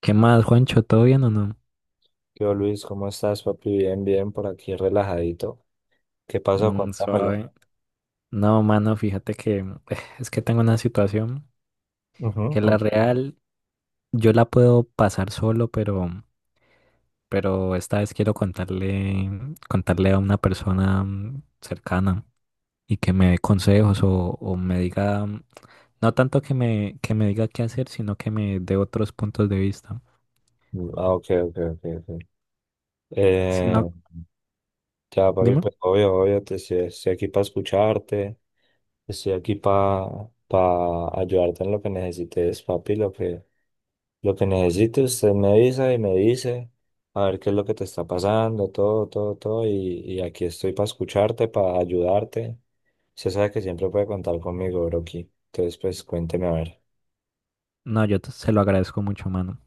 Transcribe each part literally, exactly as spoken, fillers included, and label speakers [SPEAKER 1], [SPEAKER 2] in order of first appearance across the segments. [SPEAKER 1] ¿Qué más, Juancho? ¿Todo bien o no?
[SPEAKER 2] Yo, Luis, ¿cómo estás, papi? Bien, bien, por aquí relajadito. ¿Qué pasó?
[SPEAKER 1] Mm,
[SPEAKER 2] Cuéntamelo.
[SPEAKER 1] suave. No, mano, fíjate que eh, es que tengo una situación
[SPEAKER 2] Ujú,
[SPEAKER 1] que la
[SPEAKER 2] con-
[SPEAKER 1] real yo la puedo pasar solo, pero, pero esta vez quiero contarle, contarle a una persona mm, cercana y que me dé consejos o, o me diga, mm, no tanto que me, que me diga qué hacer, sino que me dé otros puntos de vista.
[SPEAKER 2] ah, ok, ok, ok, ok.
[SPEAKER 1] Si
[SPEAKER 2] Eh,
[SPEAKER 1] no,
[SPEAKER 2] ya, papi,
[SPEAKER 1] dime.
[SPEAKER 2] pues obvio, obvio, te, estoy, estoy aquí para escucharte, estoy aquí para ayudarte en lo que necesites, papi, lo que, lo que necesites, usted me avisa y me dice, a ver qué es lo que te está pasando, todo, todo, todo, y, y aquí estoy para escucharte, para ayudarte. Usted sabe que siempre puede contar conmigo, Broki. Entonces, pues cuénteme a ver.
[SPEAKER 1] No, yo te- se lo agradezco mucho, mano.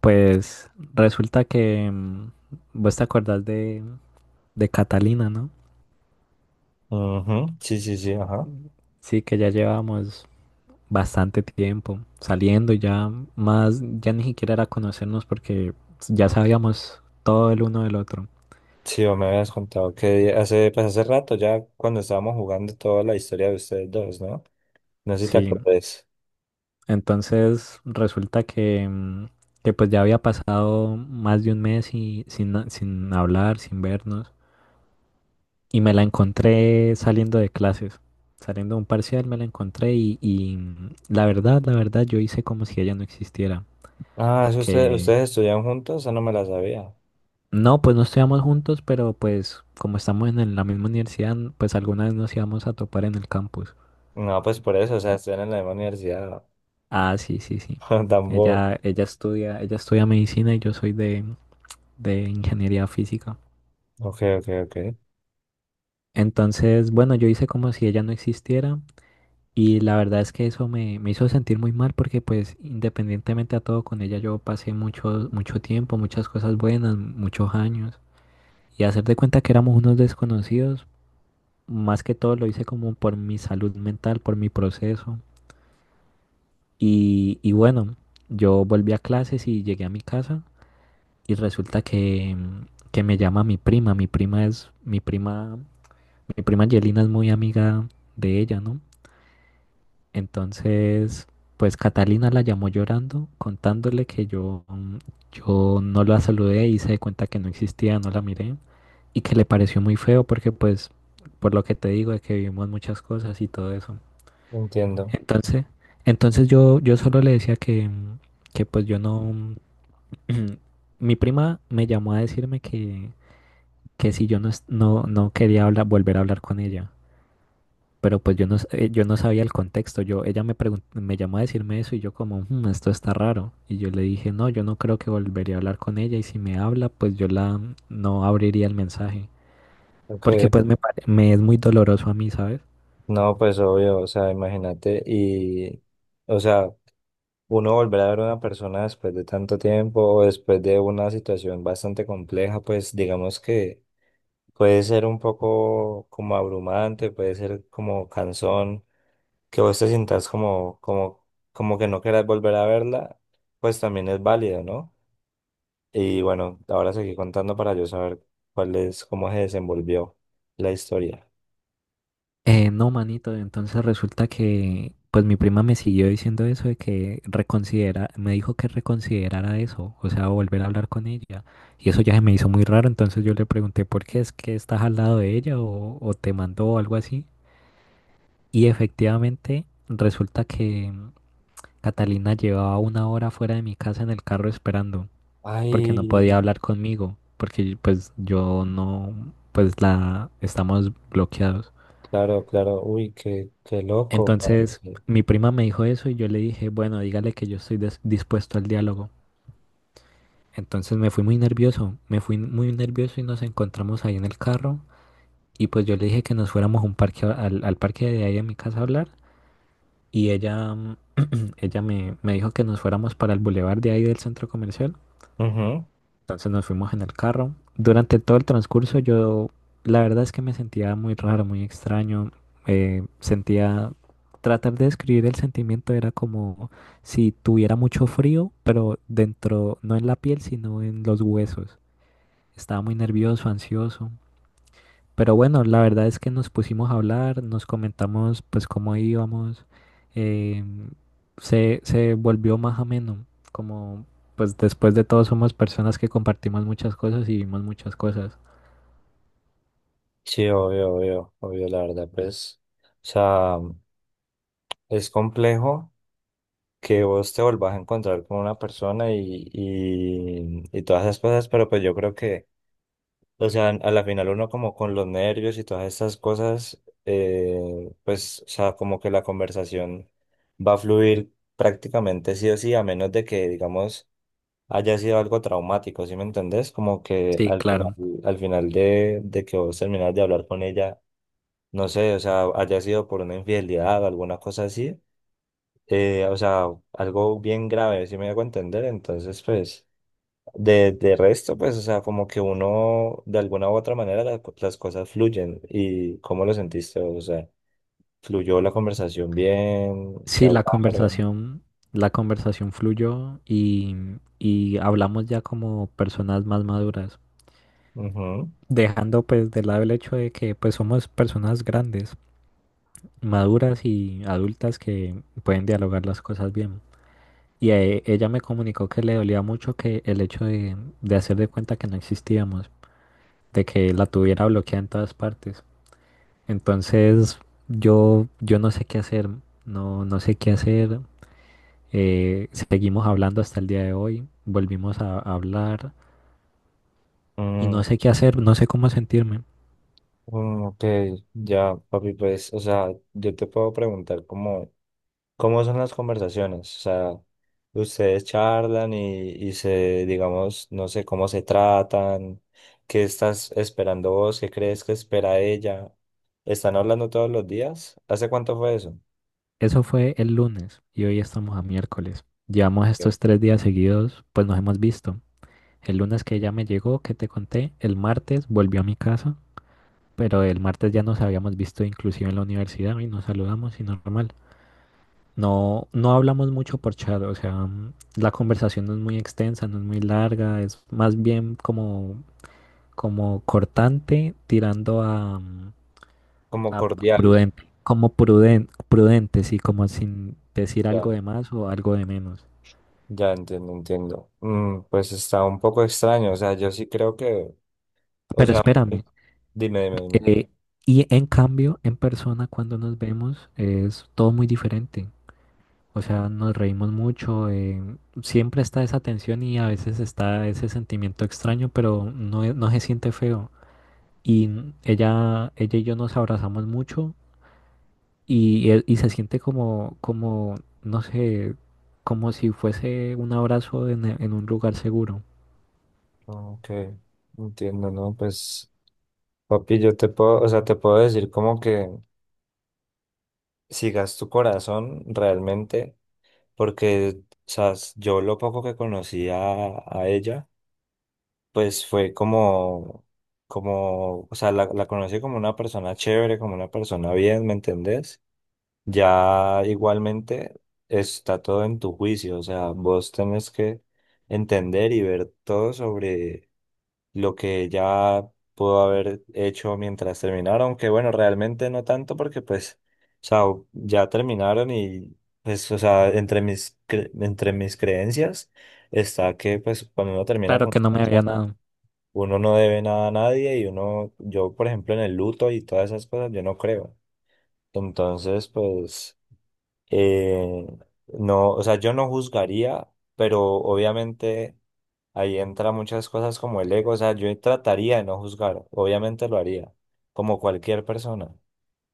[SPEAKER 1] Pues resulta que mm, vos te acordás de, de Catalina, ¿no?
[SPEAKER 2] Ujú, sí, sí, sí, ajá.
[SPEAKER 1] Sí, que ya llevamos bastante tiempo saliendo, ya más, ya ni siquiera era conocernos porque ya sabíamos todo el uno del otro.
[SPEAKER 2] Sí, vos me habías contado que hace, pues hace rato ya cuando estábamos jugando toda la historia de ustedes dos, ¿no? No sé si te
[SPEAKER 1] Sí,
[SPEAKER 2] acordás.
[SPEAKER 1] entonces resulta que, mm, que pues ya había pasado más de un mes y, sin, na- sin hablar, sin vernos, y me la encontré saliendo de clases. Saliendo de un parcial me la encontré y, y mm, la verdad, la verdad, yo hice como si ella no existiera,
[SPEAKER 2] Ah, ¿es usted,
[SPEAKER 1] porque
[SPEAKER 2] ustedes estudian juntos? Eso no me la sabía.
[SPEAKER 1] no, pues no estudiamos juntos, pero pues como estamos en el- la misma universidad, pues alguna vez nos íbamos a topar en el campus.
[SPEAKER 2] No, pues por eso, o sea, estudian en la misma universidad.
[SPEAKER 1] Ah, sí, sí, sí.
[SPEAKER 2] Tampoco.
[SPEAKER 1] Ella, ella estudia, ella estudia medicina y yo soy de, de ingeniería física.
[SPEAKER 2] Ok, ok, ok.
[SPEAKER 1] Entonces, bueno, yo hice como si ella no existiera y la verdad es que eso me, me hizo sentir muy mal porque pues independientemente a todo con ella yo pasé mucho, mucho tiempo, muchas cosas buenas, muchos años y hacer de cuenta que éramos unos desconocidos. Más que todo lo hice como por mi salud mental, por mi proceso. Y, y bueno, yo volví a clases y llegué a mi casa y resulta que, que me llama mi prima. Mi prima es, mi prima, mi prima Angelina es muy amiga de ella, ¿no? Entonces, pues Catalina la llamó llorando, contándole que yo, mm, yo no la saludé y se di cuenta que no existía, no la miré y que le pareció muy feo porque pues, por lo que te digo, de que vivimos muchas cosas y todo eso.
[SPEAKER 2] Entiendo.
[SPEAKER 1] Entonces, entonces yo, yo solo le decía que, mm, que pues yo no... Mi prima me llamó a decirme que, que si yo no, es- no, no quería hablar, volver a hablar con ella, pero pues yo no, s- eh, yo no sabía el contexto. Yo, ella me pregun- me llamó a decirme eso y yo como, "Hmm, esto está raro". Y yo le dije, no, yo no creo que volvería a hablar con ella y si me habla, pues yo la no abriría el mensaje,
[SPEAKER 2] Ok.
[SPEAKER 1] porque pues me, pare- me es muy doloroso a mí, ¿sabes?
[SPEAKER 2] No, pues obvio, o sea, imagínate y, o sea, uno volver a ver a una persona después de tanto tiempo o después de una situación bastante compleja, pues digamos que puede ser un poco como abrumante, puede ser como cansón, que vos te sientas como, como, como que no querás volver a verla, pues también es válido, ¿no? Y bueno, ahora seguí contando para yo saber cuál es, cómo se desenvolvió la historia.
[SPEAKER 1] Eh, no, manito, entonces resulta que pues mi prima me siguió diciendo eso de que reconsidera, me dijo que reconsiderara eso, o sea, volver a hablar con ella. Y eso ya se me hizo muy raro, entonces yo le pregunté por qué es que estás al lado de ella o, o te mandó o algo así. Y efectivamente resulta que Catalina llevaba una hora fuera de mi casa en el carro esperando, porque no
[SPEAKER 2] Ay,
[SPEAKER 1] podía hablar conmigo, porque pues yo no, pues la estamos bloqueados.
[SPEAKER 2] claro, claro, uy, qué, qué loco,
[SPEAKER 1] Entonces,
[SPEAKER 2] parce.
[SPEAKER 1] mi prima me dijo eso y yo le dije, bueno, dígale que yo estoy des- dispuesto al diálogo. Entonces me fui muy nervioso, me fui muy nervioso y nos encontramos ahí en el carro. Y pues yo le dije que nos fuéramos a un parque, a- al, al parque de ahí en mi casa a hablar. Y ella, mm, ella me, me dijo que nos fuéramos para el bulevar de ahí del centro comercial.
[SPEAKER 2] Ujú.
[SPEAKER 1] Entonces nos fuimos en el carro. Durante todo el transcurso yo, la verdad es que me sentía muy raro, muy extraño. eh, sentía, tratar de describir el sentimiento era como si tuviera mucho frío, pero dentro, no en la piel, sino en los huesos. Estaba muy nervioso, ansioso. Pero bueno, la verdad es que nos pusimos a hablar, nos comentamos pues cómo íbamos, eh, se, se volvió más ameno, como pues después de todo somos personas que compartimos muchas cosas y vimos muchas cosas.
[SPEAKER 2] Sí, obvio, obvio, obvio, la verdad, pues, o sea, es complejo que vos te volvás a encontrar con una persona y, y, y todas esas cosas, pero pues yo creo que, o sea, a la final uno como con los nervios y todas esas cosas, eh, pues, o sea, como que la conversación va a fluir prácticamente sí o sí, a menos de que, digamos, haya sido algo traumático, ¿sí me entendés? Como que
[SPEAKER 1] Sí,
[SPEAKER 2] al final,
[SPEAKER 1] claro.
[SPEAKER 2] al final de, de que vos terminás de hablar con ella, no sé, o sea, haya sido por una infidelidad o alguna cosa así, eh, o sea, algo bien grave, si me hago entender, entonces pues de, de resto, pues, o sea, como que uno de alguna u otra manera la- las cosas fluyen. ¿Y cómo lo sentiste? O sea, ¿fluyó la conversación bien? ¿Qué
[SPEAKER 1] Sí, la
[SPEAKER 2] hablaron?
[SPEAKER 1] conversación, la conversación fluyó y, y hablamos ya como personas más maduras,
[SPEAKER 2] Ujú.
[SPEAKER 1] dejando pues de lado el hecho de que pues somos personas grandes, maduras y adultas que pueden dialogar las cosas bien. Y eh, ella me comunicó que le dolía mucho que el hecho de, de hacer de cuenta que no existíamos, de que la tuviera bloqueada en todas partes. Entonces yo, yo no sé qué hacer, no, no sé qué hacer. Eh, seguimos hablando hasta el día de hoy, volvimos a, a hablar y no
[SPEAKER 2] Mm,
[SPEAKER 1] sé qué hacer, no sé cómo sentirme.
[SPEAKER 2] mm, ok, ya, papi, pues, o sea, yo te puedo preguntar como ¿cómo son las conversaciones? O sea, ustedes charlan y, y se, digamos, no sé cómo se tratan, qué estás esperando vos, qué crees que espera ella. ¿Están hablando todos los días? ¿Hace cuánto fue eso?
[SPEAKER 1] Eso fue el lunes y hoy estamos a miércoles. Llevamos
[SPEAKER 2] Ok.
[SPEAKER 1] estos tres días seguidos, pues nos hemos visto. El lunes que ella me llegó, que te conté, el martes volvió a mi casa. Pero el martes ya nos habíamos visto inclusive en la universidad y nos saludamos y normal. No, no hablamos mucho por chat, o sea, mm, la conversación no es muy extensa, no es muy larga, es más bien como, como cortante, tirando a, mm,
[SPEAKER 2] Como
[SPEAKER 1] a
[SPEAKER 2] cordial,
[SPEAKER 1] prudente, como pruden- prudente, sí, como sin decir algo
[SPEAKER 2] ya,
[SPEAKER 1] de más o algo de menos.
[SPEAKER 2] ya entiendo, entiendo. Mm, pues está un poco extraño, o sea, yo sí creo que, o
[SPEAKER 1] Pero
[SPEAKER 2] sea,
[SPEAKER 1] espérame,
[SPEAKER 2] pues, dime, dime, dime.
[SPEAKER 1] eh, y en cambio, en persona cuando nos vemos es todo muy diferente. O sea, nos reímos mucho, eh, siempre está esa tensión y a veces está ese sentimiento extraño, pero no, e- no se siente feo. Y n- ella, ella y yo nos abrazamos mucho y, e- y se siente como, como, no sé, como si fuese un abrazo en, e- en un lugar seguro.
[SPEAKER 2] Ok, entiendo, ¿no? Pues, papi, yo te puedo, o sea, te puedo decir como que... Sigas tu corazón realmente, porque, o sabes, yo lo poco que conocí a, a ella, pues fue como, como, o sea, la, la conocí como una persona chévere, como una persona bien, ¿me entendés? Ya igualmente está todo en tu juicio, o sea, vos tenés que entender y ver todo sobre lo que ya pudo haber hecho mientras terminaron, que bueno, realmente no tanto porque pues, o sea, ya terminaron y pues, o sea, entre mis, cre- entre mis creencias está que pues cuando uno termina
[SPEAKER 1] Claro
[SPEAKER 2] con
[SPEAKER 1] que
[SPEAKER 2] una
[SPEAKER 1] no me había
[SPEAKER 2] persona,
[SPEAKER 1] dado.
[SPEAKER 2] uno no debe nada a nadie y uno, yo por ejemplo en el luto y todas esas cosas, yo no creo. Entonces, pues, eh, no, o sea, yo no juzgaría, pero obviamente... Ahí entra muchas cosas como el ego, o sea, yo trataría de no juzgar, obviamente lo haría, como cualquier persona,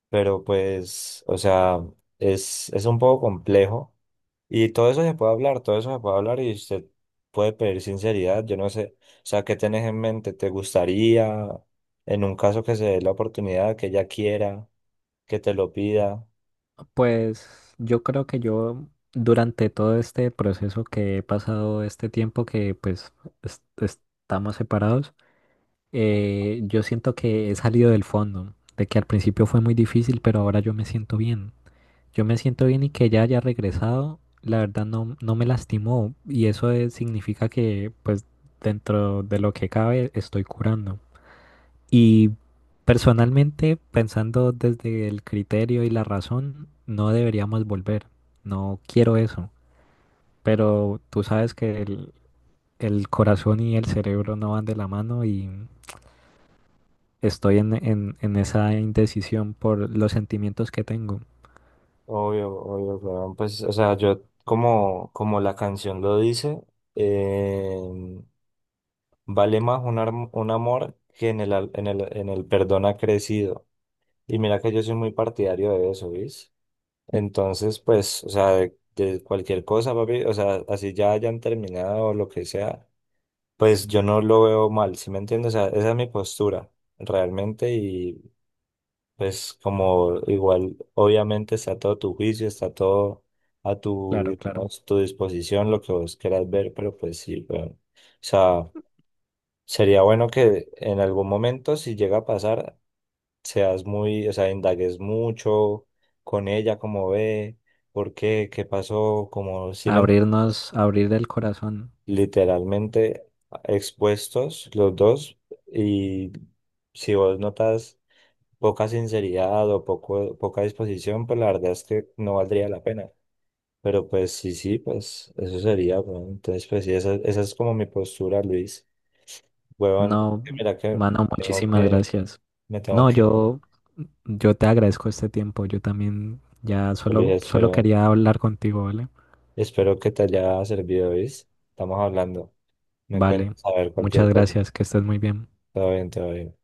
[SPEAKER 2] pero pues, o sea, es, es un poco complejo y todo eso se puede hablar, todo eso se puede hablar y usted puede pedir sinceridad, yo no sé, o sea, ¿qué tenés en mente? ¿Te gustaría, en un caso que se dé la oportunidad, que ella quiera, que te lo pida?
[SPEAKER 1] Pues yo creo que yo durante todo este proceso que he pasado, este tiempo que pues es- estamos separados, Eh, yo siento que he salido del fondo, de que al principio fue muy difícil, pero ahora yo me siento bien. Yo me siento bien y que ella haya regresado, la verdad no, no me lastimó y eso es- significa que pues dentro de lo que cabe estoy curando. Y personalmente, pensando desde el criterio y la razón, no deberíamos volver. No quiero eso, pero tú sabes que el, el corazón y el cerebro no van de la mano. Estoy en, en, en esa indecisión por los sentimientos que tengo.
[SPEAKER 2] Obvio, obvio, weón. Pues, o sea, yo como, como la canción lo dice, vale más un, arm- un amor que en el, al- en el, en el perdón ha crecido. Y mira que yo soy muy partidario de eso, ¿ves? Entonces, pues, o sea, de, de cualquier cosa, papi, o sea, así ya hayan terminado o lo que sea, pues yo no lo veo mal, ¿sí me entiendes? O sea, esa es mi postura, realmente, y pues como igual, obviamente está todo tu juicio, está todo a tu,
[SPEAKER 1] Claro, claro.
[SPEAKER 2] digamos, tu disposición, lo que vos quieras ver, pero pues sí, pero, o sea... Sería bueno que en algún momento, si llega a pasar, seas muy, o sea, indagues mucho con ella, cómo ve, por qué, qué pasó, como si men-
[SPEAKER 1] Abrirnos, abrir el corazón.
[SPEAKER 2] literalmente expuestos los dos y si vos notas poca sinceridad o poco, poca disposición, pues la verdad es que no valdría la pena. Pero pues sí, sí, pues eso sería, bueno. Entonces, pues sí, esa, esa es como mi postura, Luis. Huevón,
[SPEAKER 1] No,
[SPEAKER 2] mira que
[SPEAKER 1] mano,
[SPEAKER 2] tengo
[SPEAKER 1] muchísimas
[SPEAKER 2] que...
[SPEAKER 1] gracias.
[SPEAKER 2] Me tengo
[SPEAKER 1] No,
[SPEAKER 2] que ir.
[SPEAKER 1] yo, yo te agradezco este tiempo. Yo también ya
[SPEAKER 2] Luis,
[SPEAKER 1] solo, solo
[SPEAKER 2] espero,
[SPEAKER 1] quería hablar contigo, ¿vale?
[SPEAKER 2] espero que te haya servido, ¿viste? Estamos hablando. Me
[SPEAKER 1] Vale.
[SPEAKER 2] cuentas a ver
[SPEAKER 1] Muchas
[SPEAKER 2] cualquier cosa.
[SPEAKER 1] gracias. Que estés muy bien.
[SPEAKER 2] Todo bien, todo bien.